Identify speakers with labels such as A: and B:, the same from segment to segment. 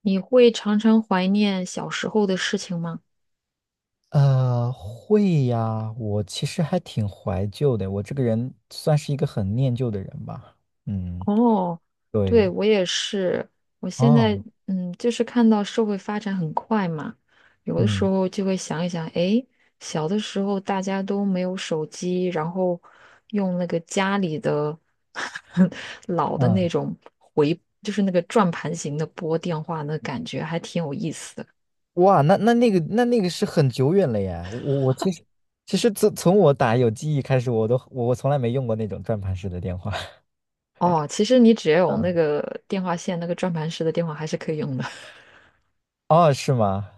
A: 你会常常怀念小时候的事情吗？
B: 会呀，我其实还挺怀旧的，我这个人算是一个很念旧的人吧。嗯，
A: 哦，对，
B: 对，
A: 我也是。我现在
B: 哦，
A: 就是看到社会发展很快嘛，有的时
B: 嗯
A: 候就会想一想，诶，小的时候大家都没有手机，然后用那个家里的 老的那
B: 嗯，
A: 种回，就是那个转盘型的拨电话，那感觉还挺有意思的。
B: 哇，那个是很久远了耶。我其实，其实自从我打有记忆开始，我都我我从来没用过那种转盘式的电话。
A: 哦，其实你只要有那
B: 嗯，
A: 个电话线，那个转盘式的电话还是可以用的。
B: 哦，是吗？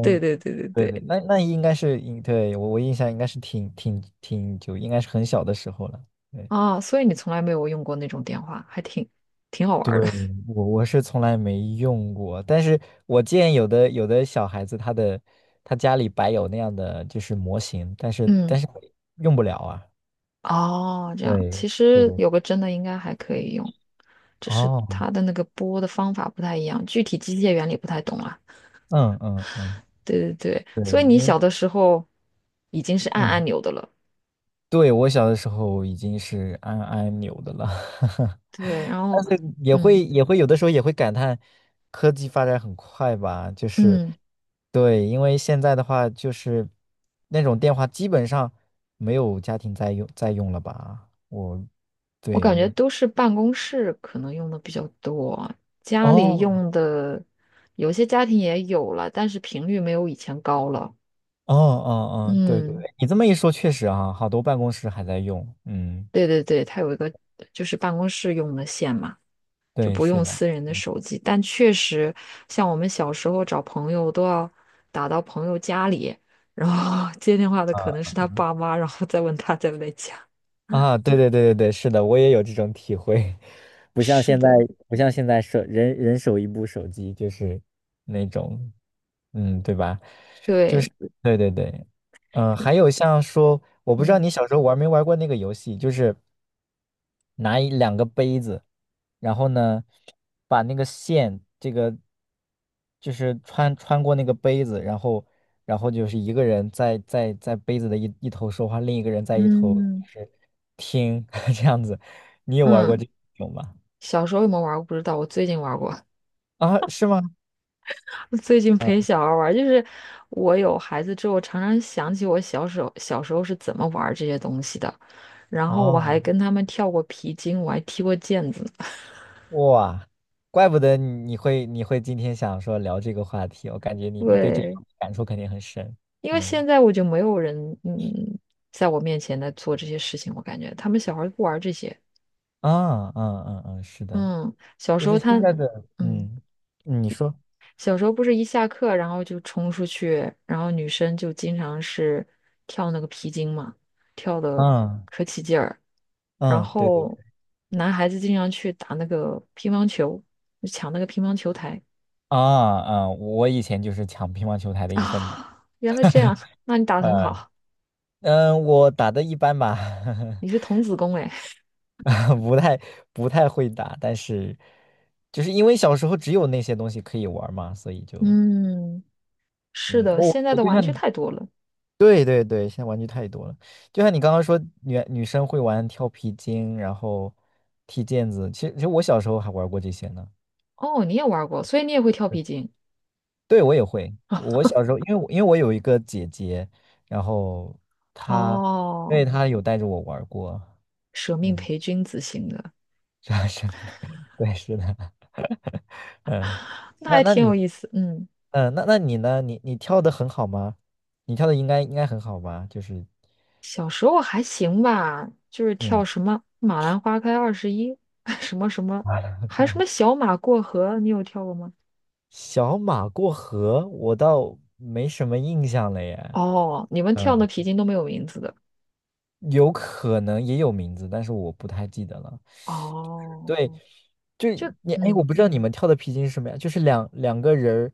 A: 对对对对
B: 对对，
A: 对。
B: 那那应该是，对，我我印象应该是挺久，应该是很小的时候了。对。
A: 啊，所以你从来没有用过那种电话，还挺好玩儿的。
B: 对，我是从来没用过，但是我见有的小孩子他的，他家里摆有那样的就是模型，但 是但
A: 嗯，
B: 是用不了啊。
A: 哦，这样，
B: 对，
A: 其
B: 对
A: 实
B: 对。
A: 有个真的应该还可以用，只是
B: 哦，
A: 它的那个拨的方法不太一样，具体机械原理不太懂啊。
B: 嗯，
A: 对对对，
B: 对，
A: 所以你
B: 因为，
A: 小的时候已经是按
B: 嗯。
A: 按钮的了。
B: 对，我小的时候已经是按按钮的了，
A: 对，然
B: 但
A: 后，
B: 是也
A: 嗯
B: 会也会有的时候也会感叹科技发展很快吧，就是，
A: 嗯，
B: 对，因为现在的话就是那种电话基本上没有家庭在用了吧，我，
A: 我感
B: 对，
A: 觉都是办公室可能用的比较多，家里
B: 哦
A: 用的有些家庭也有了，但是频率没有以前高了。
B: 哦哦哦，对对
A: 嗯。
B: 对，你这么一说确实啊，好多办公室还在用，嗯，
A: 对对对，它有一个就是办公室用的线嘛，就
B: 对，
A: 不
B: 是
A: 用
B: 的，
A: 私人的
B: 嗯，
A: 手机。但确实，像我们小时候找朋友都要打到朋友家里，然后 接电话的可能是他爸妈，然后再问他在不在家。
B: 啊，对对对对对，是的，我也有这种体会，不像
A: 是
B: 现在，
A: 的，
B: 不像现在，人人手一部手机，就是那种，嗯，对吧？就是，
A: 对，
B: 对对对，嗯、还有像说，我不知道
A: 嗯
B: 你小时候玩没玩过那个游戏，就是拿一两个杯子。然后呢，把那个线，这个就是穿过那个杯子，然后，然后就是一个人在杯子的一头说话，另一个人在一头
A: 嗯
B: 就是听 这样子。你有玩过
A: 嗯，
B: 这种吗？
A: 小时候有没有玩过不知道，我最近玩过。
B: 啊，是吗？
A: 最近陪
B: 嗯，
A: 小孩儿玩儿就是我有孩子之后，常常想起我小时候是怎么玩儿这些东西的。然后我还
B: 哦，
A: 跟他们跳过皮筋，我还踢过毽子呢
B: 哇，怪不得你你会你会今天想说聊这个话题，我感觉你对这个
A: 对，
B: 感触肯定很深。
A: 因为
B: 嗯，
A: 现在我就没有人嗯，在我面前来做这些事情，我感觉他们小孩儿不玩儿这些。
B: 啊，嗯嗯嗯，是的，
A: 嗯，小
B: 就
A: 时
B: 是
A: 候他
B: 现在的，
A: 嗯。
B: 嗯，你说。
A: 小时候不是一下课，然后就冲出去，然后女生就经常是跳那个皮筋嘛，跳的
B: 嗯
A: 可起劲儿。然
B: 嗯，对对对，
A: 后男孩子经常去打那个乒乓球，就抢那个乒乓球台
B: 啊，啊，我以前就是抢乒乓球台的一份子，
A: 啊。原来这样，那 你打的很
B: 嗯，
A: 好，
B: 嗯，我打的一般吧，
A: 你是童子功哎。
B: 不太，不太会打，但是就是因为小时候只有那些东西可以玩儿嘛，所以就，
A: 嗯，是
B: 嗯，
A: 的，
B: 我
A: 现在
B: 我
A: 的
B: 就
A: 玩
B: 像
A: 具
B: 你，
A: 太多了。
B: 对对对，现在玩具太多了，就像你刚刚说女生会玩跳皮筋，然后踢毽子，其实，其实我小时候还玩过这些呢。
A: 哦，你也玩过，所以你也会跳皮筋。
B: 对，我也会。我小时候，因为我有一个姐姐，然后她，因
A: 哦，
B: 为她有带着我玩儿过，
A: 舍命
B: 嗯，
A: 陪君子型的，
B: 这样是，对，是的，嗯，
A: 那
B: 那
A: 还
B: 那
A: 挺有
B: 你，
A: 意思。嗯。
B: 嗯，那那你呢？你你跳的很好吗？你跳的应该很好吧？就是，
A: 小时候还行吧，就是跳
B: 嗯，
A: 什么《马兰花开二十一》，什么什么，还什么小马过河，你有跳过吗？
B: 小马过河，我倒没什么印象了耶，
A: 哦，你们跳的
B: 嗯，
A: 皮筋都没有名字的。
B: 有可能也有名字，但是我不太记得了。
A: 哦，
B: 对，就，
A: 就
B: 你，哎，我不知道你们跳的皮筋是什么呀？就是两个人儿，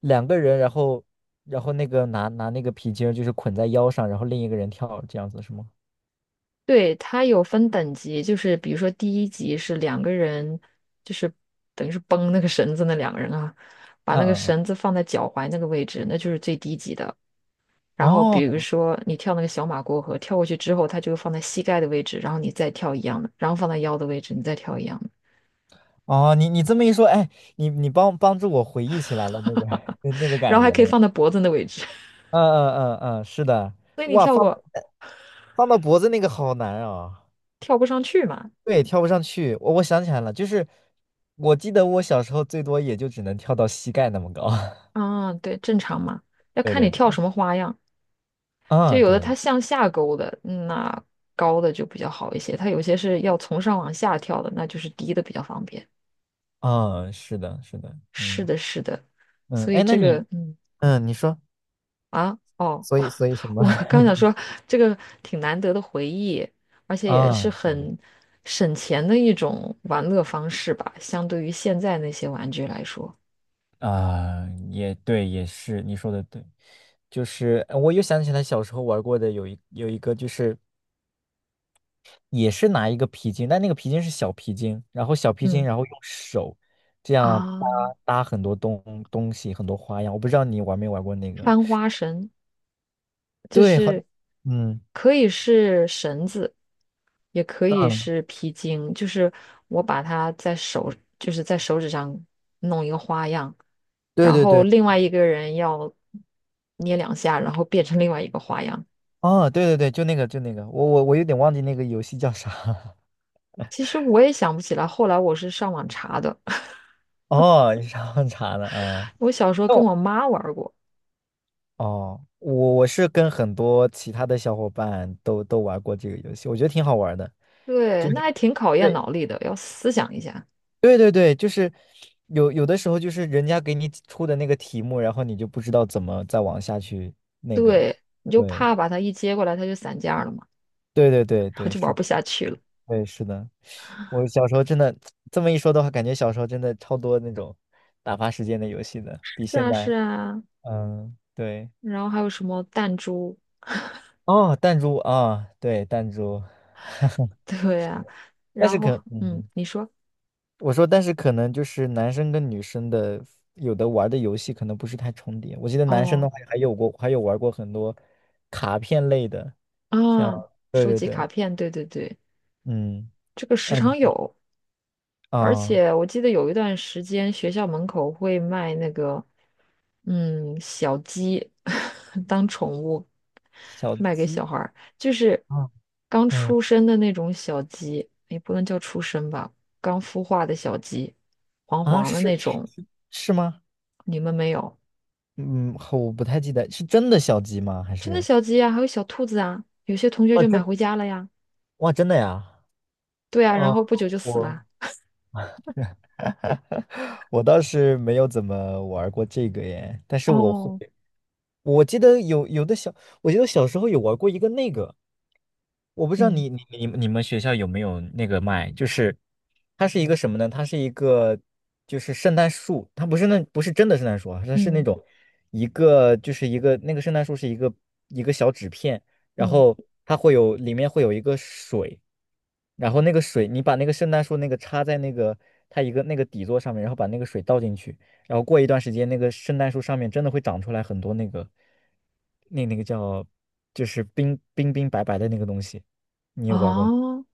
B: 两个人，然后，然后那个拿那个皮筋儿，就是捆在腰上，然后另一个人跳，这样子是吗？
A: 对，它有分等级，就是比如说第一级是两个人，就是等于是绷那个绳子那两个人啊，把
B: 嗯
A: 那个
B: 嗯嗯。
A: 绳子放在脚踝那个位置，那就是最低级的。然后比
B: 哦，
A: 如说你跳那个小马过河，跳过去之后，它就放在膝盖的位置，然后你再跳一样的，然后放在腰的位置，你再跳一样的，
B: 哦，你你这么一说，哎，你帮助我回忆起来了那个 那那个
A: 然
B: 感
A: 后还
B: 觉
A: 可以
B: 了呀。
A: 放在脖子的位置。
B: 嗯嗯嗯嗯，是的，
A: 所以你
B: 哇，
A: 跳
B: 放到，
A: 过
B: 放到脖子那个好难啊，
A: 跳不上去嘛？
B: 对，跳不上去。我，我想起来了，就是我记得我小时候最多也就只能跳到膝盖那么高。
A: 啊，对，正常嘛，要
B: 对
A: 看你
B: 对，
A: 跳什么花样。就
B: 嗯
A: 有
B: 对，
A: 的
B: 啊
A: 它
B: 对。
A: 向下勾的，那高的就比较好一些；它有些是要从上往下跳的，那就是低的比较方便。
B: 啊，是的，是的，
A: 是
B: 嗯，
A: 的，是的，
B: 嗯，
A: 所以
B: 哎，那
A: 这个，
B: 你，嗯，你说，
A: 啊，哦。
B: 所以所以什么？
A: 我刚想 说，这个挺难得的回忆，而且也是
B: 啊，对的，
A: 很省钱的一种玩乐方式吧，相对于现在那些玩具来说。
B: 啊，也对，也是，你说的对，就是，我又想起来小时候玩过的有一个，就是也是拿一个皮筋，但那个皮筋是小皮筋，然后小皮筋，
A: 嗯，
B: 然后用手这样搭，
A: 啊，
B: 搭很多东西，很多花样。我不知道你玩没玩过那个，
A: 翻花绳就
B: 对，好，
A: 是
B: 嗯，
A: 可以是绳子，也可以
B: 嗯，
A: 是皮筋，就是我把它在手，就是在手指上弄一个花样，
B: 对
A: 然
B: 对
A: 后
B: 对，
A: 另外一个人要捏两下，然后变成另外一个花样。
B: 啊，对对对，就那个，我有点忘记那个游戏叫啥。
A: 其实我也想不起来，后来我是上网查的。
B: 哦，你上茶的啊？嗯，
A: 我小时候
B: 那
A: 跟
B: 我，
A: 我妈玩儿过，
B: 哦，我我是跟很多其他的小伙伴都玩过这个游戏，我觉得挺好玩的。
A: 对，
B: 就
A: 那
B: 是，
A: 还挺考验
B: 对
A: 脑力的，要思想一下。
B: 对对对，就是，有的时候就是人家给你出的那个题目，然后你就不知道怎么再往下去那个。
A: 对，你就
B: 对
A: 怕把它一接过来，它就散架了嘛，
B: 对对对
A: 然后
B: 对，
A: 就玩
B: 是
A: 不
B: 的，
A: 下去了。
B: 嗯，对，是的。我小时候真的，这么一说的话，感觉小时候真的超多那种打发时间的游戏的，比
A: 是
B: 现
A: 啊，是
B: 在，
A: 啊。
B: 嗯，对。
A: 然后还有什么弹珠？
B: 哦，弹珠啊，对，弹珠，
A: 对
B: 是
A: 呀、
B: 的，但
A: 然
B: 是
A: 后，
B: 可，
A: 嗯，
B: 嗯，
A: 你说，
B: 我说，但是可能就是男生跟女生的，有的玩的游戏可能不是太重叠。我记得男生的
A: 哦，
B: 话还有过，还有玩过很多卡片类的，
A: 啊，
B: 像，对
A: 收
B: 对
A: 集
B: 对，
A: 卡片，对对对，
B: 嗯，
A: 这个时常
B: 嗯，
A: 有。而
B: 啊，
A: 且我记得有一段时间，学校门口会卖那个，嗯，小鸡 当宠物
B: 小
A: 卖给小
B: 鸡
A: 孩儿，就是
B: 啊，
A: 刚
B: 嗯，
A: 出生的那种小鸡，也不能叫出生吧，刚孵化的小鸡，黄
B: 啊，
A: 黄的那
B: 是是
A: 种。
B: 是，是吗？
A: 你们没有？
B: 嗯，我不太记得，是真的小鸡吗？还
A: 真的
B: 是，
A: 小鸡啊，还有小兔子啊，有些同学
B: 哇
A: 就买
B: 真，
A: 回家了呀。
B: 哇真的呀？
A: 对啊，然
B: 哦，
A: 后不久就死了。
B: 我。我倒是没有怎么玩过这个耶，但是我会，
A: 哦，
B: 我记得有有的小，我记得小时候有玩过一个那个，我不知道
A: 嗯
B: 你们学校有没有那个卖，就是它是一个什么呢？它是一个就是圣诞树，它不是那，不是真的圣诞树啊，它是那
A: 嗯
B: 种一个，就是一个那个圣诞树是一个一个小纸片，然
A: 嗯，
B: 后它会有，里面会有一个水。然后那个水，你把那个圣诞树那个插在那个它一个那个底座上面，然后把那个水倒进去，然后过一段时间，那个圣诞树上面真的会长出来很多那个，那那个叫，就是冰冰，冰白白的那个东西，你有玩过吗？
A: 哦，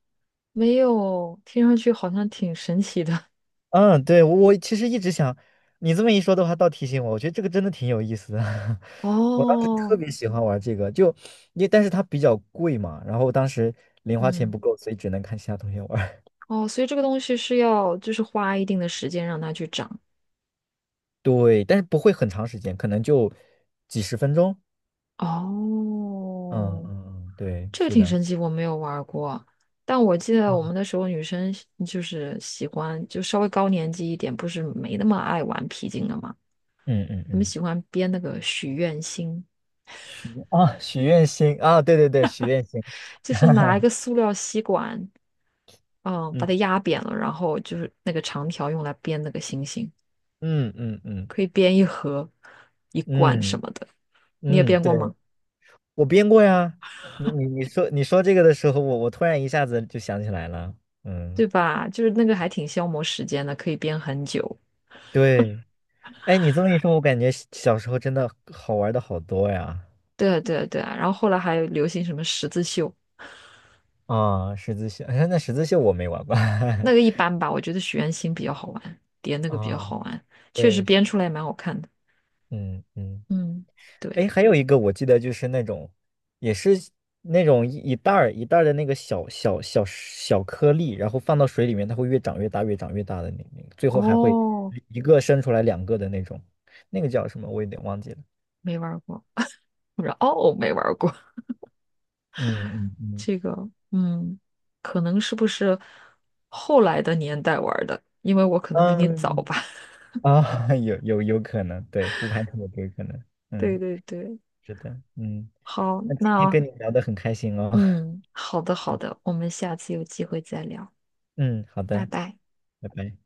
A: 没有，听上去好像挺神奇的。
B: 嗯，对，我其实一直想，你这么一说的话，倒提醒我，我觉得这个真的挺有意思的。我当时特
A: 哦，
B: 别喜欢玩这个，就因为但是它比较贵嘛，然后当时零花钱
A: 嗯，
B: 不够，所以只能看其他同学玩。
A: 哦，所以这个东西是要就是花一定的时间让它去长。
B: 对，但是不会很长时间，可能就几十分钟。嗯
A: 哦，
B: 嗯嗯，对，
A: 这个
B: 是
A: 挺
B: 的。
A: 神奇，我没有玩儿过，但我记得
B: 啊，
A: 我们那时候女生就是喜欢，就稍微高年级一点，不是没那么爱玩皮筋了嘛，
B: 嗯嗯
A: 她们
B: 嗯，
A: 喜欢编那个许愿星，
B: 许愿啊，许愿星啊，对对对，许愿星。
A: 就是拿一 个塑料吸管，嗯，把它
B: 嗯
A: 压扁了，然后就是那个长条用来编那个星星，
B: 嗯嗯嗯，
A: 可以编一盒、一罐什
B: 嗯
A: 么的。你也
B: 嗯，
A: 编
B: 对，
A: 过吗？
B: 我编过呀。你说这个的时候，我突然一下子就想起来了。嗯，
A: 对吧？就是那个还挺消磨时间的，可以编很久。
B: 对。哎，你这么一说，我感觉小时候真的好玩的好多呀。
A: 对啊，对啊，对啊。然后后来还有流行什么十字绣，
B: 啊，十字绣，哎，那十字绣我没玩过。
A: 那个一般吧，我觉得许愿星比较好玩，叠 那个比较
B: 啊，
A: 好玩，确实
B: 对，
A: 编出来也蛮好看的。
B: 嗯嗯。
A: 嗯，对。
B: 哎，还有一个我记得就是那种，也是那种一袋儿一袋儿的那个小小颗粒，然后放到水里面，它会越长越大，越长越大的那那个，最后还会
A: 哦，
B: 一个生出来两个的那种，那个叫什么？我有点忘记了。
A: 没玩儿过，不知道哦，没玩儿过
B: 嗯嗯嗯
A: 这个。嗯，可能是不是后来的年代玩儿的？因为我可能比你早
B: 嗯，
A: 吧。
B: 啊，有可能，对，不排除有这个可能。
A: 对
B: 嗯，
A: 对对，
B: 是的，嗯，
A: 好，
B: 那今天
A: 那
B: 跟你聊得很开心哦。
A: 嗯，好的好的，我们下次有机会再聊，
B: 嗯，好
A: 拜
B: 的，
A: 拜。
B: 拜拜。